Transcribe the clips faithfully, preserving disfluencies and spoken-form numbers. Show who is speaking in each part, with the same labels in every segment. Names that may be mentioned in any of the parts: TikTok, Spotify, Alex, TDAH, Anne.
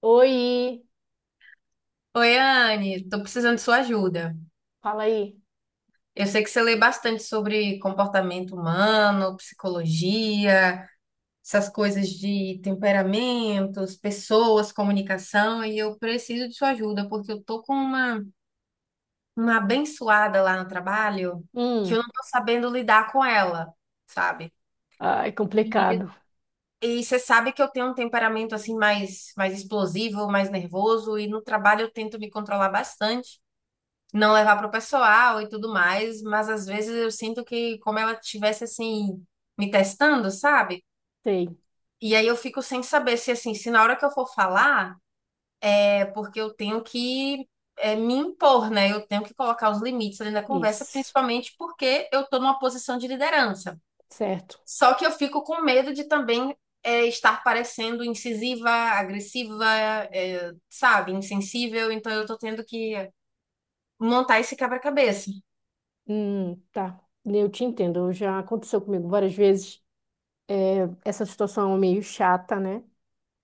Speaker 1: Oi,
Speaker 2: Oi, Anne, tô precisando de sua ajuda.
Speaker 1: fala aí.
Speaker 2: Eu sei que você lê bastante sobre comportamento humano, psicologia, essas coisas de temperamentos, pessoas, comunicação, e eu preciso de sua ajuda, porque eu tô com uma, uma abençoada lá no trabalho que eu
Speaker 1: Hum,
Speaker 2: não tô sabendo lidar com ela, sabe?
Speaker 1: ai,
Speaker 2: E,
Speaker 1: complicado.
Speaker 2: e você sabe que eu tenho um temperamento assim mais, mais explosivo, mais nervoso, e no trabalho eu tento me controlar bastante, não levar pro pessoal e tudo mais, mas às vezes eu sinto que como ela tivesse assim me testando, sabe?
Speaker 1: Sei,
Speaker 2: E aí eu fico sem saber se assim, se na hora que eu for falar, é porque eu tenho que é, me impor, né? Eu tenho que colocar os limites ali na conversa,
Speaker 1: isso,
Speaker 2: principalmente porque eu tô numa posição de liderança.
Speaker 1: certo.
Speaker 2: Só que eu fico com medo de também é, estar parecendo incisiva, agressiva, é, sabe, insensível, então eu tô tendo que montar esse quebra-cabeça.
Speaker 1: Hum, tá. Eu te entendo, já aconteceu comigo várias vezes. É, essa situação é meio chata, né?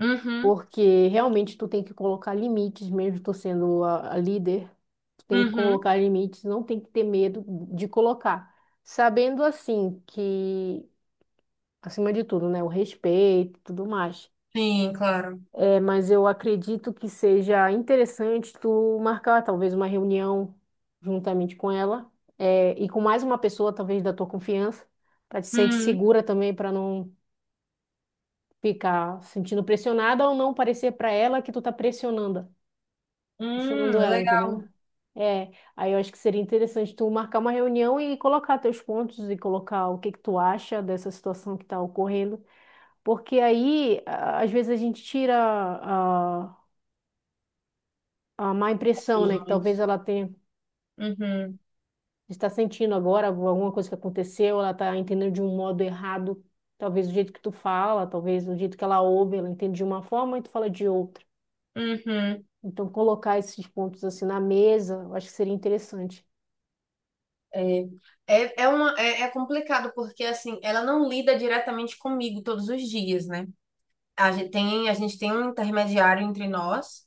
Speaker 2: Uhum,
Speaker 1: Porque realmente tu tem que colocar limites, mesmo tu sendo a, a líder, tu tem que
Speaker 2: uhum.
Speaker 1: colocar limites, não tem que ter medo de colocar. Sabendo assim que, acima de tudo, né, o respeito e tudo mais.
Speaker 2: Sim, claro.
Speaker 1: É, mas eu acredito que seja interessante tu marcar talvez uma reunião juntamente com ela, é, e com mais uma pessoa, talvez da tua confiança, para te sentir
Speaker 2: Hum,
Speaker 1: segura também, para não ficar sentindo pressionada ou não parecer para ela que tu tá pressionando,
Speaker 2: hum,
Speaker 1: pressionando ela,
Speaker 2: legal.
Speaker 1: entendeu? É, aí eu acho que seria interessante tu marcar uma reunião e colocar teus pontos e colocar o que que tu acha dessa situação que está ocorrendo, porque aí a- às vezes a gente tira a má impressão, né? Que
Speaker 2: Uhum,
Speaker 1: talvez ela tenha, está sentindo agora alguma coisa que aconteceu, ela está entendendo de um modo errado. Talvez o jeito que tu fala, talvez o jeito que ela ouve, ela entende de uma forma e tu fala de outra.
Speaker 2: uhum.
Speaker 1: Então, colocar esses pontos assim na mesa, eu acho que seria interessante.
Speaker 2: É, é, é, uma, é, é complicado porque assim, ela não lida diretamente comigo todos os dias, né? A gente tem, a gente tem um intermediário entre nós,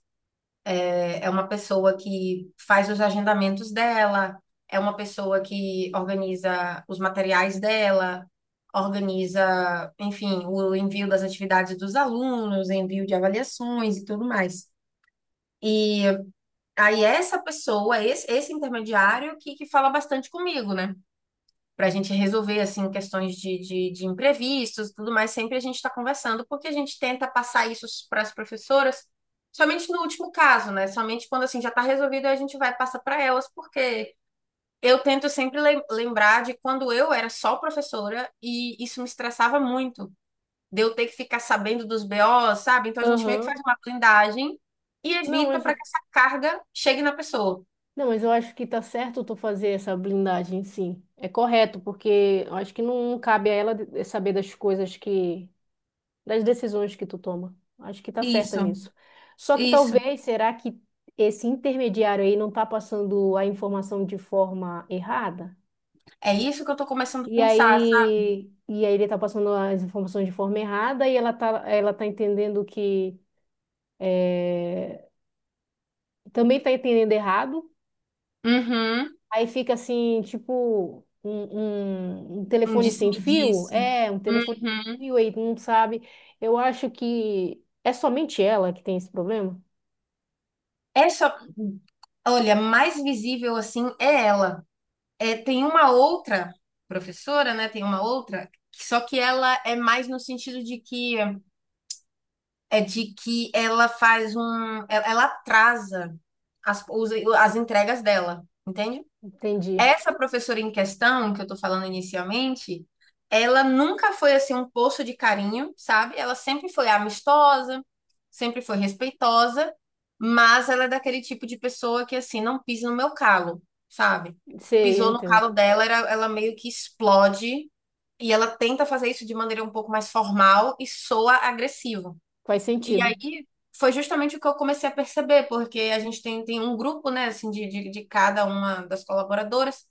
Speaker 2: é, é uma pessoa que faz os agendamentos dela, é uma pessoa que organiza os materiais dela, organiza, enfim, o envio das atividades dos alunos, envio de avaliações e tudo mais. E aí essa pessoa, esse, esse intermediário que, que fala bastante comigo, né? Pra gente resolver, assim, questões de, de, de imprevistos, tudo mais, sempre a gente está conversando, porque a gente tenta passar isso para as professoras, somente no último caso, né? Somente quando, assim, já está resolvido, a gente vai passar para elas, porque eu tento sempre lem- lembrar de quando eu era só professora e isso me estressava muito, de eu ter que ficar sabendo dos B O, sabe? Então a gente meio que
Speaker 1: Aham.
Speaker 2: faz uma blindagem e
Speaker 1: Não,
Speaker 2: evita
Speaker 1: mas,
Speaker 2: para que essa carga chegue na pessoa.
Speaker 1: não, mas eu acho que tá certo tu fazer essa blindagem, sim. É correto, porque eu acho que não cabe a ela de- saber das coisas que das decisões que tu toma. Acho que tá certa
Speaker 2: Isso,
Speaker 1: nisso. Só que
Speaker 2: isso.
Speaker 1: talvez, será que esse intermediário aí não tá passando a informação de forma errada?
Speaker 2: É isso que eu tô começando a
Speaker 1: E
Speaker 2: pensar, sabe?
Speaker 1: aí, e aí ele tá passando as informações de forma errada e ela tá, ela tá entendendo que é, também tá entendendo errado.
Speaker 2: Uhum.
Speaker 1: Aí fica assim, tipo, um, um, um
Speaker 2: Um
Speaker 1: telefone sem fio?
Speaker 2: disse-me-disse.
Speaker 1: É, um telefone
Speaker 2: Uhum.
Speaker 1: sem fio aí, tu não sabe. Eu acho que é somente ela que tem esse problema.
Speaker 2: É só. Olha, mais visível assim é ela. É, tem uma outra professora, né? Tem uma outra, só que ela é mais no sentido de que é de que ela faz um, ela, ela atrasa as, os- as entregas dela, entende?
Speaker 1: Entendi.
Speaker 2: Essa professora em questão, que eu tô falando inicialmente, ela nunca foi assim um poço de carinho, sabe? Ela sempre foi amistosa, sempre foi respeitosa, mas ela é daquele tipo de pessoa que assim não pisa no meu calo, sabe?
Speaker 1: Sei, eu
Speaker 2: Pisou no
Speaker 1: entendo.
Speaker 2: calo dela, era- ela meio que explode e ela tenta fazer isso de maneira um pouco mais formal e soa agressivo.
Speaker 1: Faz
Speaker 2: E
Speaker 1: sentido.
Speaker 2: aí foi justamente o que eu comecei a perceber, porque a gente tem, tem um grupo, né, assim, de, de, de cada uma das colaboradoras,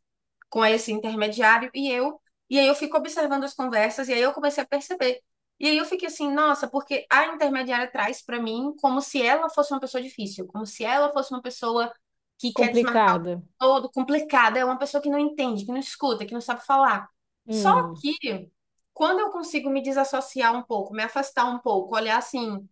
Speaker 2: com esse intermediário, e eu, e aí eu fico observando as conversas, e aí eu comecei a perceber. E aí eu fiquei assim, nossa, porque a intermediária traz para mim como se ela fosse uma pessoa difícil, como se ela fosse uma pessoa que quer desmarcar o tempo
Speaker 1: Complicada.
Speaker 2: todo, complicada, é uma pessoa que não entende, que não escuta, que não sabe falar. Só
Speaker 1: Hum,
Speaker 2: que quando eu consigo me desassociar um pouco, me afastar um pouco, olhar assim,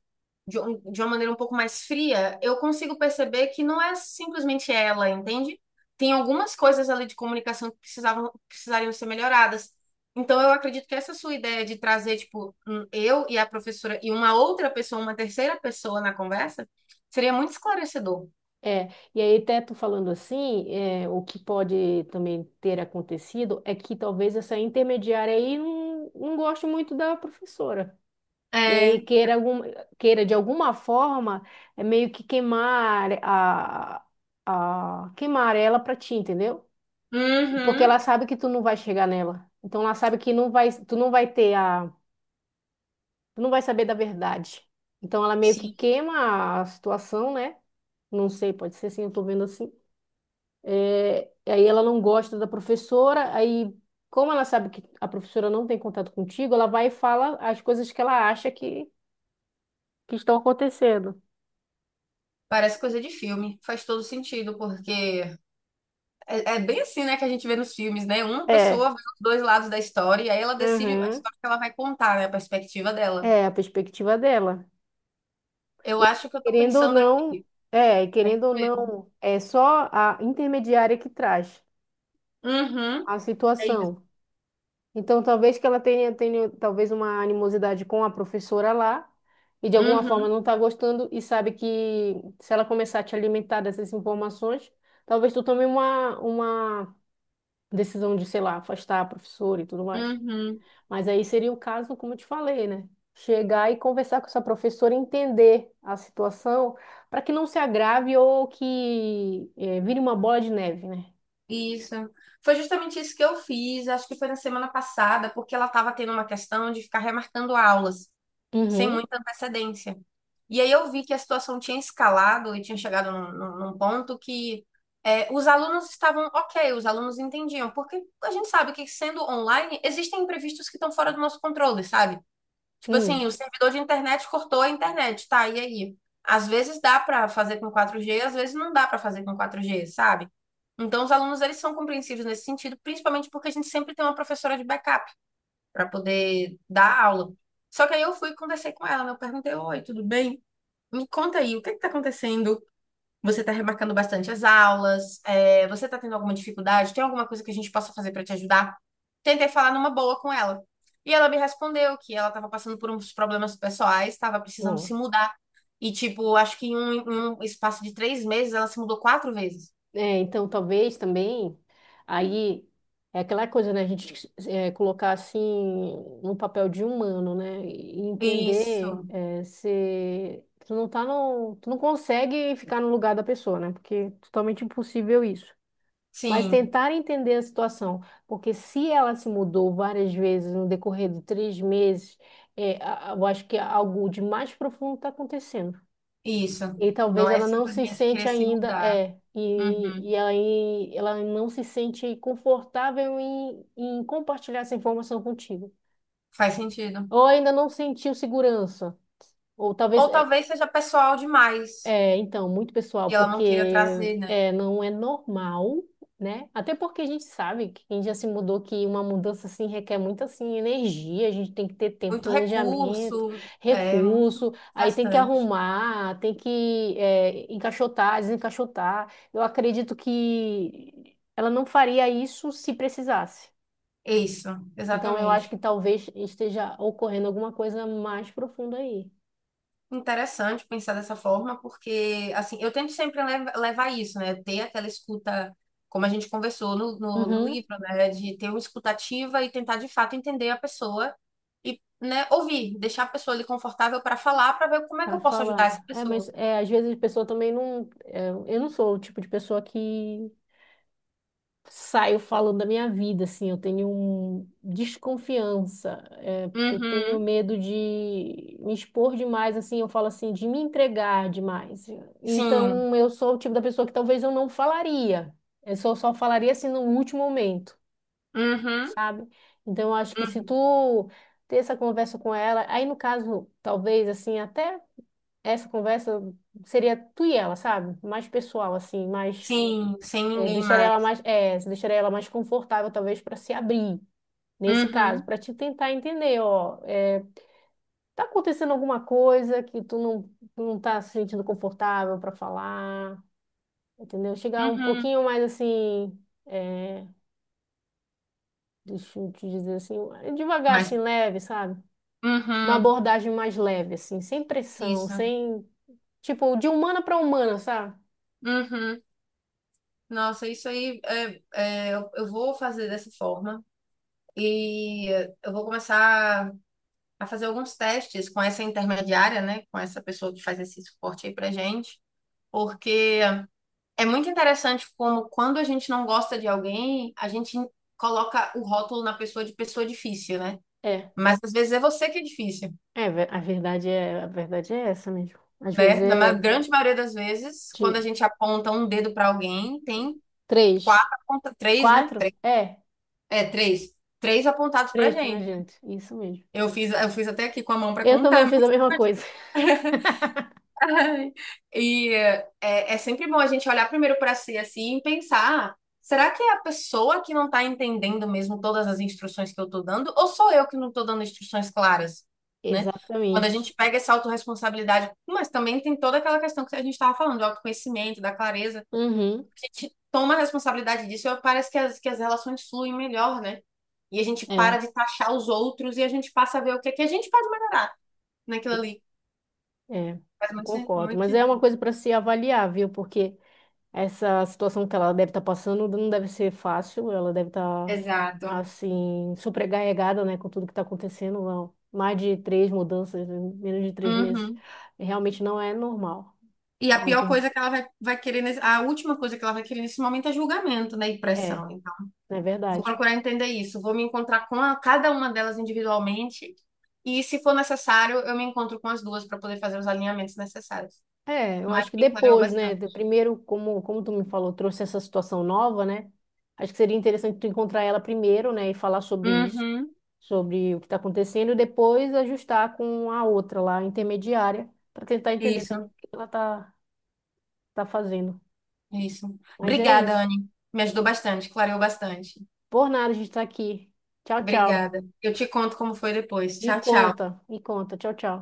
Speaker 2: de, um- de uma maneira um pouco mais fria, eu consigo perceber que não é simplesmente ela, entende? Tem algumas coisas ali de comunicação que precisavam, precisariam ser melhoradas. Então, eu acredito que essa sua ideia de trazer, tipo, um- eu e a professora e uma outra pessoa, uma terceira pessoa na conversa, seria muito esclarecedor.
Speaker 1: é. E aí, até tu falando assim, é, o que pode também ter acontecido é que talvez essa intermediária aí não, não goste muito da professora. E aí
Speaker 2: É.
Speaker 1: queira, algum, queira de alguma forma é meio que queimar a, a queimar ela pra ti, entendeu? Porque
Speaker 2: Uhum.
Speaker 1: ela sabe que tu não vai chegar nela. Então ela sabe que não vai, tu não vai ter a tu não vai saber da verdade. Então ela meio que
Speaker 2: Sim.
Speaker 1: queima a situação, né? Não sei, pode ser assim, eu tô vendo assim. É, aí ela não gosta da professora, aí como ela sabe que a professora não tem contato contigo, ela vai e fala as coisas que ela acha que, que estão acontecendo.
Speaker 2: Parece coisa de filme. Faz todo sentido, porque É, é bem assim, né, que a gente vê nos filmes, né? Uma
Speaker 1: É,
Speaker 2: pessoa vê os dois lados da história e aí ela decide a
Speaker 1: uhum,
Speaker 2: história que ela vai contar, né? A perspectiva dela.
Speaker 1: é a perspectiva dela.
Speaker 2: Eu
Speaker 1: E
Speaker 2: acho que eu tô
Speaker 1: querendo ou
Speaker 2: pensando
Speaker 1: não,
Speaker 2: aqui.
Speaker 1: é,
Speaker 2: É isso
Speaker 1: querendo ou
Speaker 2: mesmo.
Speaker 1: não, é só a intermediária que traz
Speaker 2: Uhum.
Speaker 1: a
Speaker 2: É isso.
Speaker 1: situação. Então, talvez que ela tenha, tenha talvez uma animosidade com a professora lá e de alguma forma
Speaker 2: Uhum.
Speaker 1: não está gostando e sabe que se ela começar a te alimentar dessas informações, talvez tu tome uma, uma decisão de, sei lá, afastar a professora e tudo mais.
Speaker 2: Uhum.
Speaker 1: Mas aí seria o caso, como eu te falei, né? Chegar e conversar com essa professora, entender a situação para que não se agrave ou que eh, vire uma bola de neve, né?
Speaker 2: Isso. Foi justamente isso que eu fiz, acho que foi na semana passada, porque ela estava tendo uma questão de ficar remarcando aulas sem
Speaker 1: Uhum.
Speaker 2: muita antecedência. E aí eu vi que a situação tinha escalado e tinha chegado num, num- num ponto que é, os alunos estavam ok, os alunos entendiam, porque a gente sabe que sendo online, existem imprevistos que estão fora do nosso controle, sabe? Tipo assim,
Speaker 1: Hum.
Speaker 2: o servidor de internet cortou a internet, tá? E aí? Às vezes dá para fazer com quatro G, às vezes não dá para fazer com quatro G, sabe? Então, os alunos, eles são compreensivos nesse sentido, principalmente porque a gente sempre tem uma professora de backup para poder dar aula. Só que aí eu fui e conversei com ela, né? Eu perguntei, oi, tudo bem? Me conta aí, o que que tá acontecendo? Você tá remarcando bastante as aulas? É, você tá tendo alguma dificuldade? Tem alguma coisa que a gente possa fazer para te ajudar? Tentei falar numa boa com ela. E ela me respondeu que ela estava passando por uns problemas pessoais, estava precisando se
Speaker 1: Ó.
Speaker 2: mudar. E, tipo, acho que em um, em um espaço de três meses ela se mudou quatro vezes.
Speaker 1: É, então talvez também aí é aquela coisa, né? A gente é, colocar assim no papel de humano, né? E entender
Speaker 2: Isso,
Speaker 1: é, se tu não tá no, tu não consegue ficar no lugar da pessoa, né? Porque é totalmente impossível isso. Mas
Speaker 2: sim,
Speaker 1: tentar entender a situação, porque se ela se mudou várias vezes no decorrer de três meses, é, a- a- eu acho que algo de mais profundo está acontecendo.
Speaker 2: isso.
Speaker 1: E
Speaker 2: Não
Speaker 1: talvez
Speaker 2: é
Speaker 1: ela não se
Speaker 2: simplesmente
Speaker 1: sente
Speaker 2: querer se
Speaker 1: ainda,
Speaker 2: mudar.
Speaker 1: é, e,
Speaker 2: Uhum.
Speaker 1: e aí ela não se sente confortável em, em compartilhar essa informação contigo.
Speaker 2: Faz sentido.
Speaker 1: Ou ainda não sentiu segurança. Ou talvez.
Speaker 2: Ou
Speaker 1: é,
Speaker 2: talvez seja pessoal demais
Speaker 1: É, então, muito pessoal,
Speaker 2: e ela não
Speaker 1: porque
Speaker 2: queira trazer, né?
Speaker 1: é, não é normal, né? Até porque a gente sabe que quem já se mudou, que uma mudança assim requer muito assim energia, a gente tem que ter tempo,
Speaker 2: Muito
Speaker 1: planejamento,
Speaker 2: recurso, é muito
Speaker 1: recurso, aí tem que
Speaker 2: gastante.
Speaker 1: arrumar, tem que é, encaixotar, desencaixotar. Eu acredito que ela não faria isso se precisasse.
Speaker 2: Isso,
Speaker 1: Então, eu acho
Speaker 2: exatamente.
Speaker 1: que talvez esteja ocorrendo alguma coisa mais profunda aí.
Speaker 2: Interessante pensar dessa forma, porque assim, eu tento sempre lev- levar isso, né? Ter aquela escuta, como a gente conversou no, no, no
Speaker 1: Uhum,
Speaker 2: livro, né? De ter uma escutativa e tentar de fato entender a pessoa e, né, ouvir, deixar a pessoa ali confortável para falar, para ver como é que
Speaker 1: para
Speaker 2: eu posso ajudar essa
Speaker 1: falar. É, mas
Speaker 2: pessoa.
Speaker 1: é, às vezes a pessoa também não. é, eu não sou o tipo de pessoa que saio falando da minha vida, assim. Eu tenho um desconfiança, é, porque eu tenho
Speaker 2: Uhum,
Speaker 1: medo de me expor demais, assim. Eu falo assim, de me entregar demais.
Speaker 2: sim.
Speaker 1: Então, eu sou o tipo da pessoa que talvez eu não falaria. Eu só, só falaria assim no último momento,
Speaker 2: Uhum,
Speaker 1: sabe? Então, eu acho que se
Speaker 2: uhum.
Speaker 1: tu ter essa conversa com ela, aí no caso, talvez, assim, até essa conversa seria tu e ela, sabe? Mais pessoal, assim, mais.
Speaker 2: Sim, sem
Speaker 1: É,
Speaker 2: ninguém
Speaker 1: deixaria ela
Speaker 2: mais.
Speaker 1: mais. É, deixaria ela mais confortável, talvez, para se abrir, nesse caso,
Speaker 2: Uhum,
Speaker 1: para te tentar entender, ó. É, tá acontecendo alguma coisa que tu não, tu não tá se sentindo confortável para falar, entendeu? Chegar um
Speaker 2: uhum.
Speaker 1: pouquinho mais assim. É, deixa eu te dizer assim, devagar,
Speaker 2: Mas,
Speaker 1: assim, leve, sabe? Uma
Speaker 2: uhum,
Speaker 1: abordagem mais leve, assim, sem pressão,
Speaker 2: isso.
Speaker 1: sem. Tipo, de humana para humana, sabe?
Speaker 2: Uhum. Nossa, isso aí, é, é, eu, eu vou fazer dessa forma. E eh, eu vou começar a fazer alguns testes com essa intermediária, né? Com essa pessoa que faz esse suporte aí pra gente. Porque é muito interessante como quando a gente não gosta de alguém, a gente coloca o rótulo na pessoa de pessoa difícil, né?
Speaker 1: É.
Speaker 2: Mas às vezes é você que é difícil.
Speaker 1: É, ve- a verdade é, a verdade é essa mesmo. Às vezes
Speaker 2: Né? Na ma-
Speaker 1: é
Speaker 2: grande maioria das vezes, quando a
Speaker 1: de
Speaker 2: gente aponta um dedo para alguém, tem quatro,
Speaker 1: três,
Speaker 2: aponta- três, né?
Speaker 1: quatro,
Speaker 2: Três,
Speaker 1: é,
Speaker 2: é, três. Três apontados pra
Speaker 1: três pra
Speaker 2: gente.
Speaker 1: gente. Isso mesmo.
Speaker 2: Eu fiz, eu fiz até aqui com a mão para
Speaker 1: Eu também
Speaker 2: contar.
Speaker 1: fiz a
Speaker 2: mas-
Speaker 1: mesma coisa.
Speaker 2: E é, é sempre bom a gente olhar primeiro para si assim e pensar, "Ah, será que é a pessoa que não está entendendo mesmo todas as instruções que eu estou dando, ou sou eu que não estou dando instruções claras, né? Quando a
Speaker 1: Exatamente.
Speaker 2: gente pega essa autorresponsabilidade, mas também tem toda aquela questão que a gente estava falando, do autoconhecimento, da clareza.
Speaker 1: Uhum.
Speaker 2: A gente toma a responsabilidade disso, parece que as, que as relações fluem melhor, né? E a gente
Speaker 1: É,
Speaker 2: para de taxar os outros e a gente passa a ver o que é que a gente pode melhorar naquilo ali.
Speaker 1: é,
Speaker 2: Faz
Speaker 1: eu
Speaker 2: muito, sen-
Speaker 1: concordo.
Speaker 2: muito
Speaker 1: Mas é uma
Speaker 2: sentido.
Speaker 1: coisa para se avaliar, viu? Porque essa situação que ela deve estar passando não deve ser fácil. Ela deve estar,
Speaker 2: Exato.
Speaker 1: assim, sobrecarregada, né, com tudo que está acontecendo. Não. Mais de três mudanças em menos de três meses
Speaker 2: Uhum.
Speaker 1: realmente não é normal.
Speaker 2: E a pior
Speaker 1: Algum
Speaker 2: coisa que ela vai, vai querer, nesse- a última coisa que ela vai querer nesse momento é julgamento, né? E
Speaker 1: É,
Speaker 2: pressão. Então,
Speaker 1: é
Speaker 2: vou
Speaker 1: verdade.
Speaker 2: procurar entender isso. Vou me encontrar com a- cada uma delas individualmente. E, se for necessário, eu me encontro com as duas para poder fazer os alinhamentos necessários.
Speaker 1: É, eu
Speaker 2: Mas
Speaker 1: acho que
Speaker 2: me clareou
Speaker 1: depois, né?
Speaker 2: bastante.
Speaker 1: Do primeiro, como, como tu me falou, trouxe essa situação nova, né? Acho que seria interessante tu encontrar ela primeiro, né? E falar sobre isso,
Speaker 2: Uhum.
Speaker 1: sobre o que está acontecendo, e depois ajustar com a outra lá, intermediária, para tentar entender também
Speaker 2: Isso.
Speaker 1: o que ela tá, tá fazendo.
Speaker 2: É isso.
Speaker 1: Mas é
Speaker 2: Obrigada,
Speaker 1: isso.
Speaker 2: Anne. Me ajudou bastante, clareou bastante.
Speaker 1: Por nada a gente tá aqui. Tchau, tchau.
Speaker 2: Obrigada. Eu te conto como foi depois.
Speaker 1: Me
Speaker 2: Tchau, tchau.
Speaker 1: conta, me conta. Tchau, tchau.